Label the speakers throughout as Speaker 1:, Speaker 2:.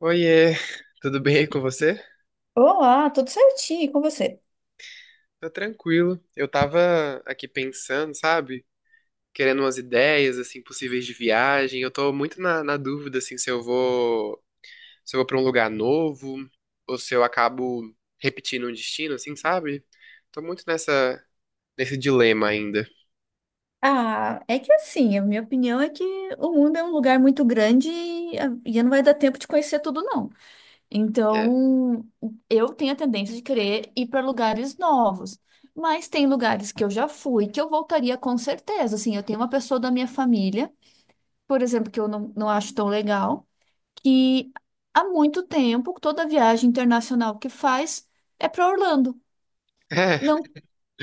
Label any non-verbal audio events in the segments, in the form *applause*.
Speaker 1: Oiê, tudo bem aí com você?
Speaker 2: Olá, tudo certinho e com você?
Speaker 1: Tá tranquilo. Eu tava aqui pensando, sabe? Querendo umas ideias, assim, possíveis de viagem. Eu tô muito na dúvida, assim, se eu vou pra um lugar novo ou se eu acabo repetindo um destino, assim, sabe? Tô muito nessa, nesse dilema ainda.
Speaker 2: Ah, é que assim, a minha opinião é que o mundo é um lugar muito grande e, e não vai dar tempo de conhecer tudo, não.
Speaker 1: É.
Speaker 2: Então, eu tenho a tendência de querer ir para lugares novos, mas tem lugares que eu já fui que eu voltaria com certeza. Assim, eu tenho uma pessoa da minha família, por exemplo, que eu não, não acho tão legal, que há muito tempo, toda viagem internacional que faz é para Orlando.
Speaker 1: *laughs* É,
Speaker 2: Não,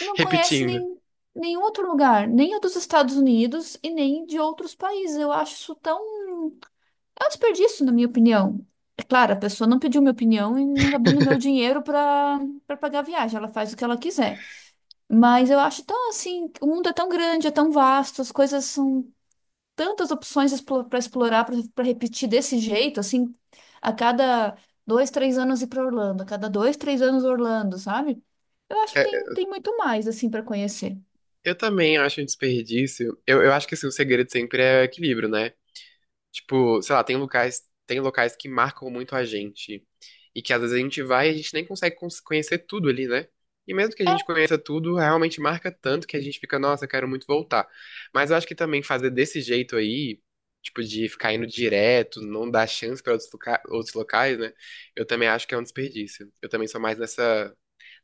Speaker 2: não conhece
Speaker 1: repetindo.
Speaker 2: nem, nenhum outro lugar, nem o dos Estados Unidos e nem de outros países. Eu acho isso tão... É um desperdício, na minha opinião. É claro, a pessoa não pediu minha opinião e não tá pedindo meu dinheiro para pagar a viagem. Ela faz o que ela quiser. Mas eu acho tão assim, o mundo é tão grande, é tão vasto, as coisas são tantas opções para explorar, para repetir desse jeito, assim, a cada dois, três anos ir para Orlando, a cada dois, três anos Orlando, sabe? Eu acho que
Speaker 1: É,
Speaker 2: tem muito mais assim para conhecer.
Speaker 1: eu também acho um desperdício. Eu acho que, assim, o segredo sempre é o equilíbrio, né? Tipo, sei lá, tem locais que marcam muito a gente. E que às vezes a gente vai e a gente nem consegue conhecer tudo ali, né? E mesmo que a gente conheça tudo, realmente marca tanto que a gente fica, nossa, quero muito voltar. Mas eu acho que também fazer desse jeito aí, tipo, de ficar indo direto, não dar chance para outros, outros locais, né? Eu também acho que é um desperdício. Eu também sou mais nessa,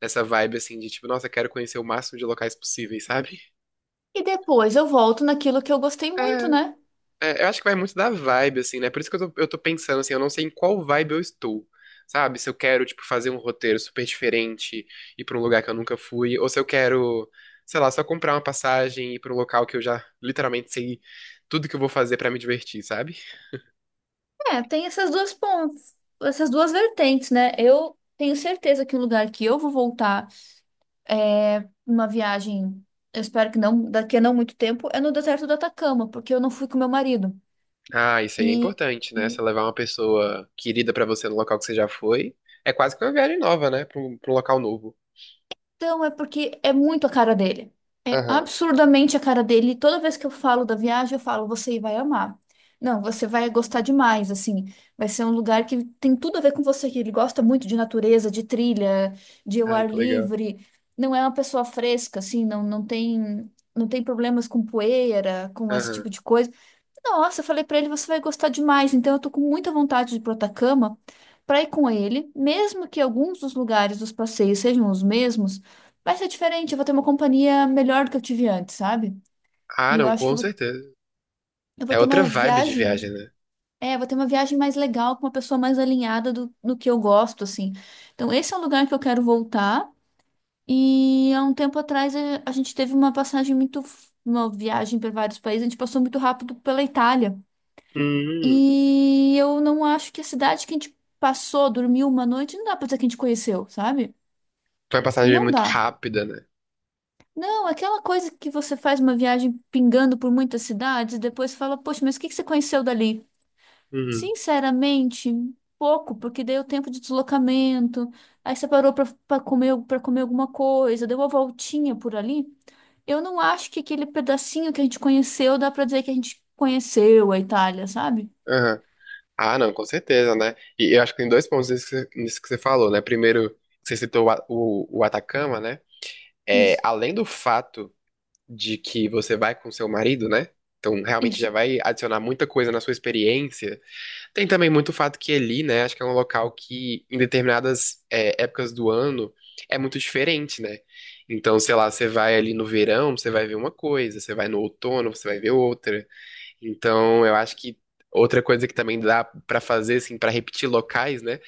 Speaker 1: nessa vibe, assim, de tipo, nossa, quero conhecer o máximo de locais possíveis, *laughs* sabe?
Speaker 2: E depois eu volto naquilo que eu gostei muito, né?
Speaker 1: É, eu acho que vai muito da vibe, assim, né? Por isso que eu tô pensando, assim, eu não sei em qual vibe eu estou, sabe? Se eu quero, tipo, fazer um roteiro super diferente, ir pra um lugar que eu nunca fui, ou se eu quero, sei lá, só comprar uma passagem e ir pra um local que eu já literalmente sei tudo que eu vou fazer pra me divertir, sabe?
Speaker 2: É, tem essas duas pontas, essas duas vertentes, né? Eu tenho certeza que o lugar que eu vou voltar é uma viagem, eu espero que não, daqui a não muito tempo, é no deserto do Atacama, porque eu não fui com meu marido.
Speaker 1: Ah, isso aí é
Speaker 2: E,
Speaker 1: importante, né? Você
Speaker 2: e
Speaker 1: levar uma pessoa querida pra você no local que você já foi, é quase que uma viagem nova, né? Pra um local novo.
Speaker 2: Então, é porque é muito a cara dele. É
Speaker 1: Aham.
Speaker 2: absurdamente a cara dele. E toda vez que eu falo da viagem, eu falo, você vai amar. Não, você vai gostar demais, assim. Vai ser um lugar que tem tudo a ver com você, que ele gosta muito de natureza, de trilha, de ao
Speaker 1: Ai,
Speaker 2: ar
Speaker 1: que legal.
Speaker 2: livre. Não é uma pessoa fresca, assim, não, não tem, não tem problemas com poeira, com esse
Speaker 1: Aham.
Speaker 2: tipo de coisa. Nossa, eu falei pra ele, você vai gostar demais. Então, eu tô com muita vontade de ir pro Atacama pra ir com ele, mesmo que alguns dos lugares dos passeios sejam os mesmos, vai ser diferente. Eu vou ter uma companhia melhor do que eu tive antes, sabe?
Speaker 1: Ah,
Speaker 2: E eu
Speaker 1: não,
Speaker 2: acho que
Speaker 1: com certeza.
Speaker 2: eu vou
Speaker 1: É
Speaker 2: ter
Speaker 1: outra
Speaker 2: uma
Speaker 1: vibe de viagem,
Speaker 2: viagem.
Speaker 1: né?
Speaker 2: É, eu vou ter uma viagem mais legal com uma pessoa mais alinhada do que eu gosto, assim. Então, esse é um lugar que eu quero voltar. E há um tempo atrás a gente teve uma passagem muito... Uma viagem para vários países, a gente passou muito rápido pela Itália.
Speaker 1: Hum.
Speaker 2: E eu não acho que a cidade que a gente passou, dormiu uma noite, não dá pra dizer que a gente conheceu, sabe?
Speaker 1: Foi uma passagem
Speaker 2: Não
Speaker 1: muito
Speaker 2: dá.
Speaker 1: rápida, né?
Speaker 2: Não, aquela coisa que você faz uma viagem pingando por muitas cidades e depois fala, poxa, mas o que que você conheceu dali?
Speaker 1: Uhum.
Speaker 2: Sinceramente, pouco, porque deu tempo de deslocamento, aí você parou pra, pra comer, para comer alguma coisa, deu uma voltinha por ali. Eu não acho que aquele pedacinho que a gente conheceu dá pra dizer que a gente conheceu a Itália, sabe?
Speaker 1: Aham. Ah, não, com certeza, né? E eu acho que tem dois pontos nisso que você falou, né? Primeiro, você citou o Atacama, né? É,
Speaker 2: Isso,
Speaker 1: além do fato de que você vai com seu marido, né? Então, realmente
Speaker 2: isso.
Speaker 1: já vai adicionar muita coisa na sua experiência. Tem também muito o fato que ali, né? Acho que é um local que, em determinadas, é, épocas do ano, é muito diferente, né? Então, sei lá, você vai ali no verão, você vai ver uma coisa, você vai no outono, você vai ver outra. Então, eu acho que outra coisa que também dá pra fazer, assim, pra repetir locais, né?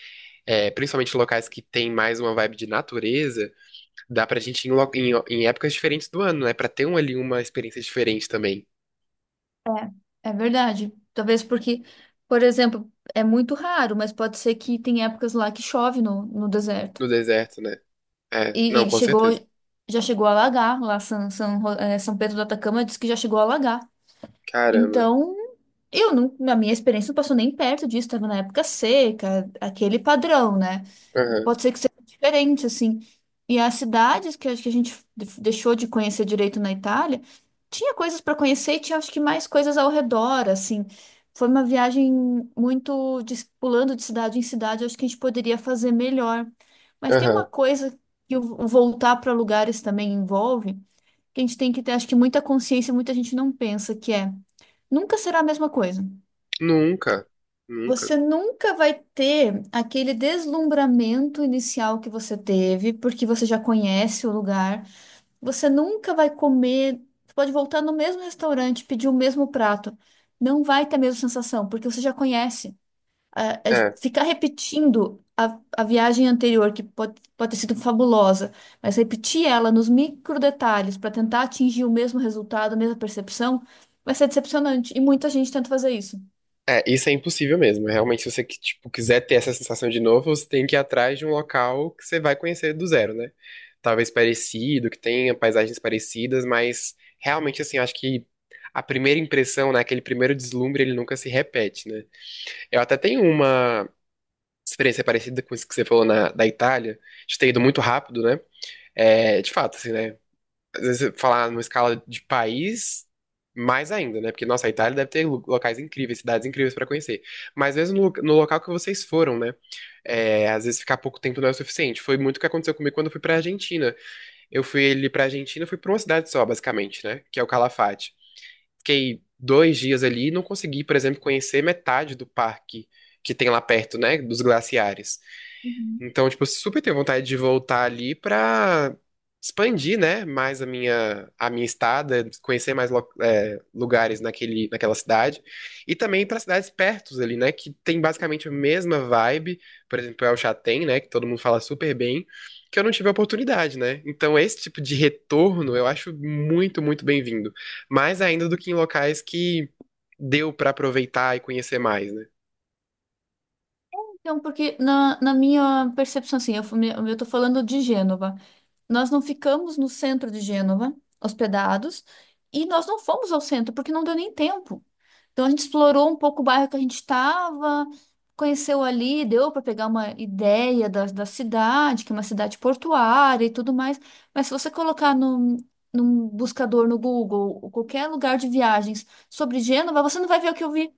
Speaker 1: É, principalmente locais que tem mais uma vibe de natureza, dá pra gente ir em, em épocas diferentes do ano, né? Pra ter um, ali uma experiência diferente também
Speaker 2: É é verdade. Talvez porque, por exemplo, é muito raro, mas pode ser que tem épocas lá que chove no deserto.
Speaker 1: no deserto, né? É, não, com
Speaker 2: Chegou,
Speaker 1: certeza.
Speaker 2: já chegou a alagar lá São Pedro do Atacama diz que já chegou a alagar.
Speaker 1: Caramba.
Speaker 2: Então, eu não, na minha experiência não passou nem perto disso, estava na época seca, aquele padrão, né?
Speaker 1: Aham,
Speaker 2: Pode ser que seja diferente, assim. E as cidades que acho que a gente deixou de conhecer direito na Itália, tinha coisas para conhecer e tinha acho que mais coisas ao redor, assim. Foi uma viagem muito de, pulando de cidade em cidade, acho que a gente poderia fazer melhor. Mas tem uma
Speaker 1: aham.
Speaker 2: coisa que o voltar para lugares também envolve, que a gente tem que ter, acho que muita consciência, muita gente não pensa, que é nunca será a mesma coisa.
Speaker 1: Nunca, nunca.
Speaker 2: Você nunca vai ter aquele deslumbramento inicial que você teve, porque você já conhece o lugar. Você nunca vai comer. Você pode voltar no mesmo restaurante, pedir o mesmo prato. Não vai ter a mesma sensação, porque você já conhece. Ah, é.
Speaker 1: É.
Speaker 2: Ficar repetindo a viagem anterior, que pode, pode ter sido fabulosa, mas repetir ela nos micro detalhes para tentar atingir o mesmo resultado, a mesma percepção, vai ser decepcionante. E muita gente tenta fazer isso.
Speaker 1: É, isso é impossível mesmo. Realmente, se você que, tipo, quiser ter essa sensação de novo, você tem que ir atrás de um local que você vai conhecer do zero, né? Talvez parecido, que tenha paisagens parecidas, mas realmente, assim, eu acho que a primeira impressão, né, aquele primeiro deslumbre, ele nunca se repete, né? Eu até tenho uma experiência parecida com isso que você falou na, da Itália, de ter ido muito rápido, né? É, de fato, assim, né? Às vezes, você falar numa escala de país, mais ainda, né? Porque, nossa, a Itália deve ter locais incríveis, cidades incríveis pra conhecer. Mas mesmo no, no local que vocês foram, né? É, às vezes ficar pouco tempo não é o suficiente. Foi muito o que aconteceu comigo quando eu fui pra Argentina. Eu fui ali pra Argentina, fui pra uma cidade só, basicamente, né? Que é o Calafate. Fiquei 2 dias ali e não consegui, por exemplo, conhecer metade do parque que tem lá perto, né? Dos glaciares. Então, tipo, eu super tenho vontade de voltar ali pra expandir, né, mais a minha estada, conhecer mais lugares naquela cidade. E também para cidades pertos ali, né, que tem basicamente a mesma vibe. Por exemplo, El Chatem, né, que todo mundo fala super bem, que eu não tive a oportunidade, né. Então, esse tipo de retorno eu acho muito, muito bem-vindo. Mais ainda do que em locais que deu pra aproveitar e conhecer mais, né.
Speaker 2: Não, porque na minha percepção, assim, eu, eu tô falando de Gênova. Nós não ficamos no centro de Gênova, hospedados, e nós não fomos ao centro, porque não deu nem tempo. Então a gente explorou um pouco o bairro que a gente estava, conheceu ali, deu para pegar uma ideia da, da cidade, que é uma cidade portuária e tudo mais. Mas se você colocar num, num buscador no Google, ou qualquer lugar de viagens sobre Gênova, você não vai ver o que eu vi.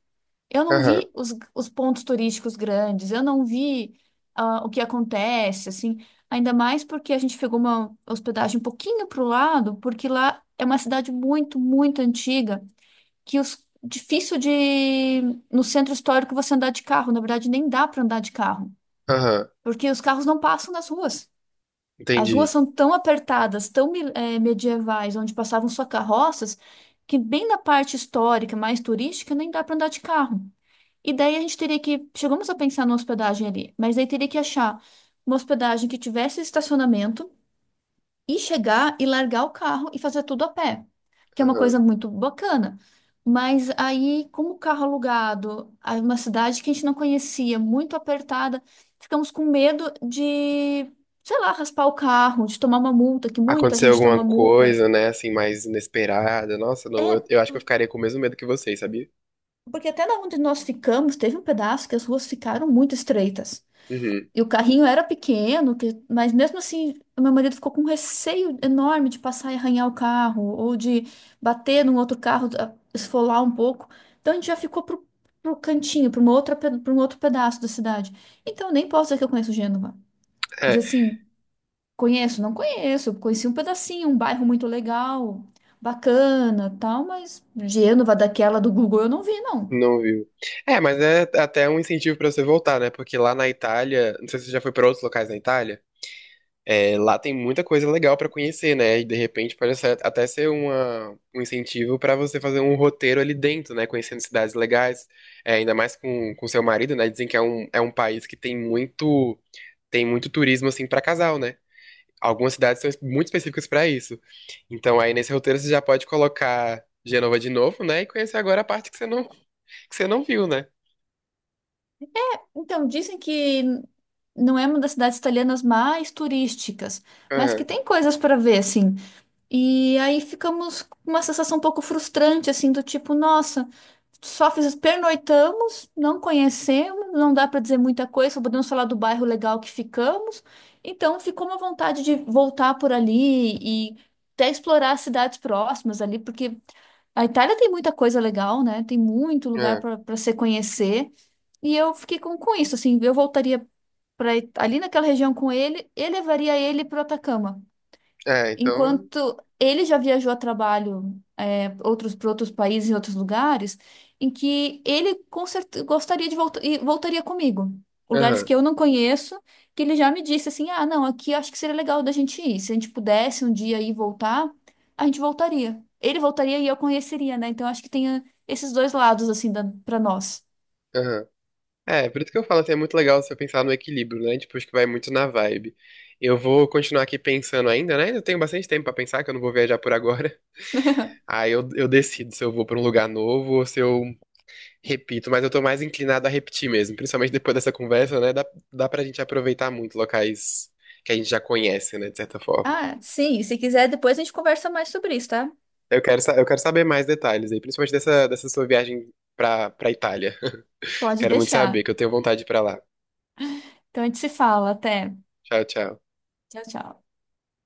Speaker 2: Eu não
Speaker 1: Aham,
Speaker 2: vi os pontos turísticos grandes, eu não vi o que acontece, assim, ainda mais porque a gente pegou uma hospedagem um pouquinho para o lado, porque lá é uma cidade muito, muito antiga, que os, difícil de, no centro histórico você andar de carro, na verdade nem dá para andar de carro,
Speaker 1: aham,
Speaker 2: porque os carros não passam nas ruas. As ruas
Speaker 1: entendi.
Speaker 2: são tão apertadas, tão medievais, onde passavam só carroças, que bem na parte histórica, mais turística, nem dá para andar de carro. E daí a gente teria que... Chegamos a pensar numa hospedagem ali, mas aí teria que achar uma hospedagem que tivesse estacionamento e chegar e largar o carro e fazer tudo a pé, que é uma coisa muito bacana. Mas aí, como o carro alugado, aí uma cidade que a gente não conhecia, muito apertada, ficamos com medo de, sei lá, raspar o carro, de tomar uma multa, que muita
Speaker 1: Aconteceu
Speaker 2: gente
Speaker 1: alguma
Speaker 2: toma multa.
Speaker 1: coisa, né, assim, mais inesperada. Nossa, não,
Speaker 2: É,
Speaker 1: eu acho que eu
Speaker 2: por-
Speaker 1: ficaria com o mesmo medo que vocês, sabia?
Speaker 2: porque até na onde nós ficamos, teve um pedaço que as ruas ficaram muito estreitas.
Speaker 1: Uhum.
Speaker 2: E o carrinho era pequeno, mas mesmo assim, o meu marido ficou com um receio enorme de passar e arranhar o carro, ou de bater num outro carro, esfolar um pouco. Então a gente já ficou pro, pro cantinho, para uma outra, para um outro pedaço da cidade. Então eu nem posso dizer que eu conheço Gênova. Dizer
Speaker 1: É,
Speaker 2: assim, conheço, não conheço, conheci um pedacinho, um bairro muito legal, bacana, tal, mas Gênova daquela do Google eu não vi, não.
Speaker 1: não viu. É, mas é até um incentivo pra você voltar, né? Porque lá na Itália, não sei se você já foi pra outros locais na Itália, é, lá tem muita coisa legal pra conhecer, né? E de repente até ser uma, um incentivo pra você fazer um roteiro ali dentro, né? Conhecendo cidades legais, é, ainda mais com seu marido, né? Dizem que é um país que tem muito turismo assim pra casal, né? Algumas cidades são muito específicas para isso. Então, aí nesse roteiro você já pode colocar Genova de novo, né? E conhecer agora a parte que você não viu, né?
Speaker 2: Então, dizem que não é uma das cidades italianas mais turísticas, mas que
Speaker 1: Aham,
Speaker 2: tem coisas para ver, assim. E aí ficamos com uma sensação um pouco frustrante, assim, do tipo, nossa, só fiz, pernoitamos, não conhecemos, não dá para dizer muita coisa, só podemos falar do bairro legal que ficamos. Então ficou uma vontade de voltar por ali e até explorar as cidades próximas ali, porque a Itália tem muita coisa legal, né? Tem muito lugar
Speaker 1: aham.
Speaker 2: para para se conhecer. E eu fiquei com isso, assim, eu voltaria pra ir ali naquela região com ele e levaria ele para o Atacama.
Speaker 1: É, então.
Speaker 2: Enquanto ele já viajou a trabalho outros para outros países e outros lugares, em que ele com gostaria de voltar e voltaria comigo. Lugares
Speaker 1: Aham,
Speaker 2: que eu não conheço, que ele já me disse assim: ah, não, aqui acho que seria legal da gente ir. Se a gente pudesse um dia ir e voltar, a gente voltaria. Ele voltaria e eu conheceria, né? Então acho que tem esses dois lados, assim, para nós.
Speaker 1: aham. É, por isso que eu falo assim, é muito legal você pensar no equilíbrio, né? Tipo, acho que vai muito na vibe. Eu vou continuar aqui pensando ainda, né? Eu tenho bastante tempo pra pensar, que eu não vou viajar por agora. *laughs*
Speaker 2: *laughs*
Speaker 1: Eu decido se eu vou pra um lugar novo ou se eu repito, mas eu tô mais inclinado a repetir mesmo, principalmente depois dessa conversa, né? Dá, dá pra gente aproveitar muito locais que a gente já conhece, né, de certa forma.
Speaker 2: Ah, sim, se quiser, depois a gente conversa mais sobre isso, tá?
Speaker 1: Eu quero saber mais detalhes aí, principalmente dessa sua viagem pra Itália. *laughs*
Speaker 2: Pode
Speaker 1: Quero muito saber,
Speaker 2: deixar.
Speaker 1: que eu tenho vontade de ir pra lá.
Speaker 2: Então a gente se fala. Até.
Speaker 1: Tchau, tchau.
Speaker 2: Tchau, tchau.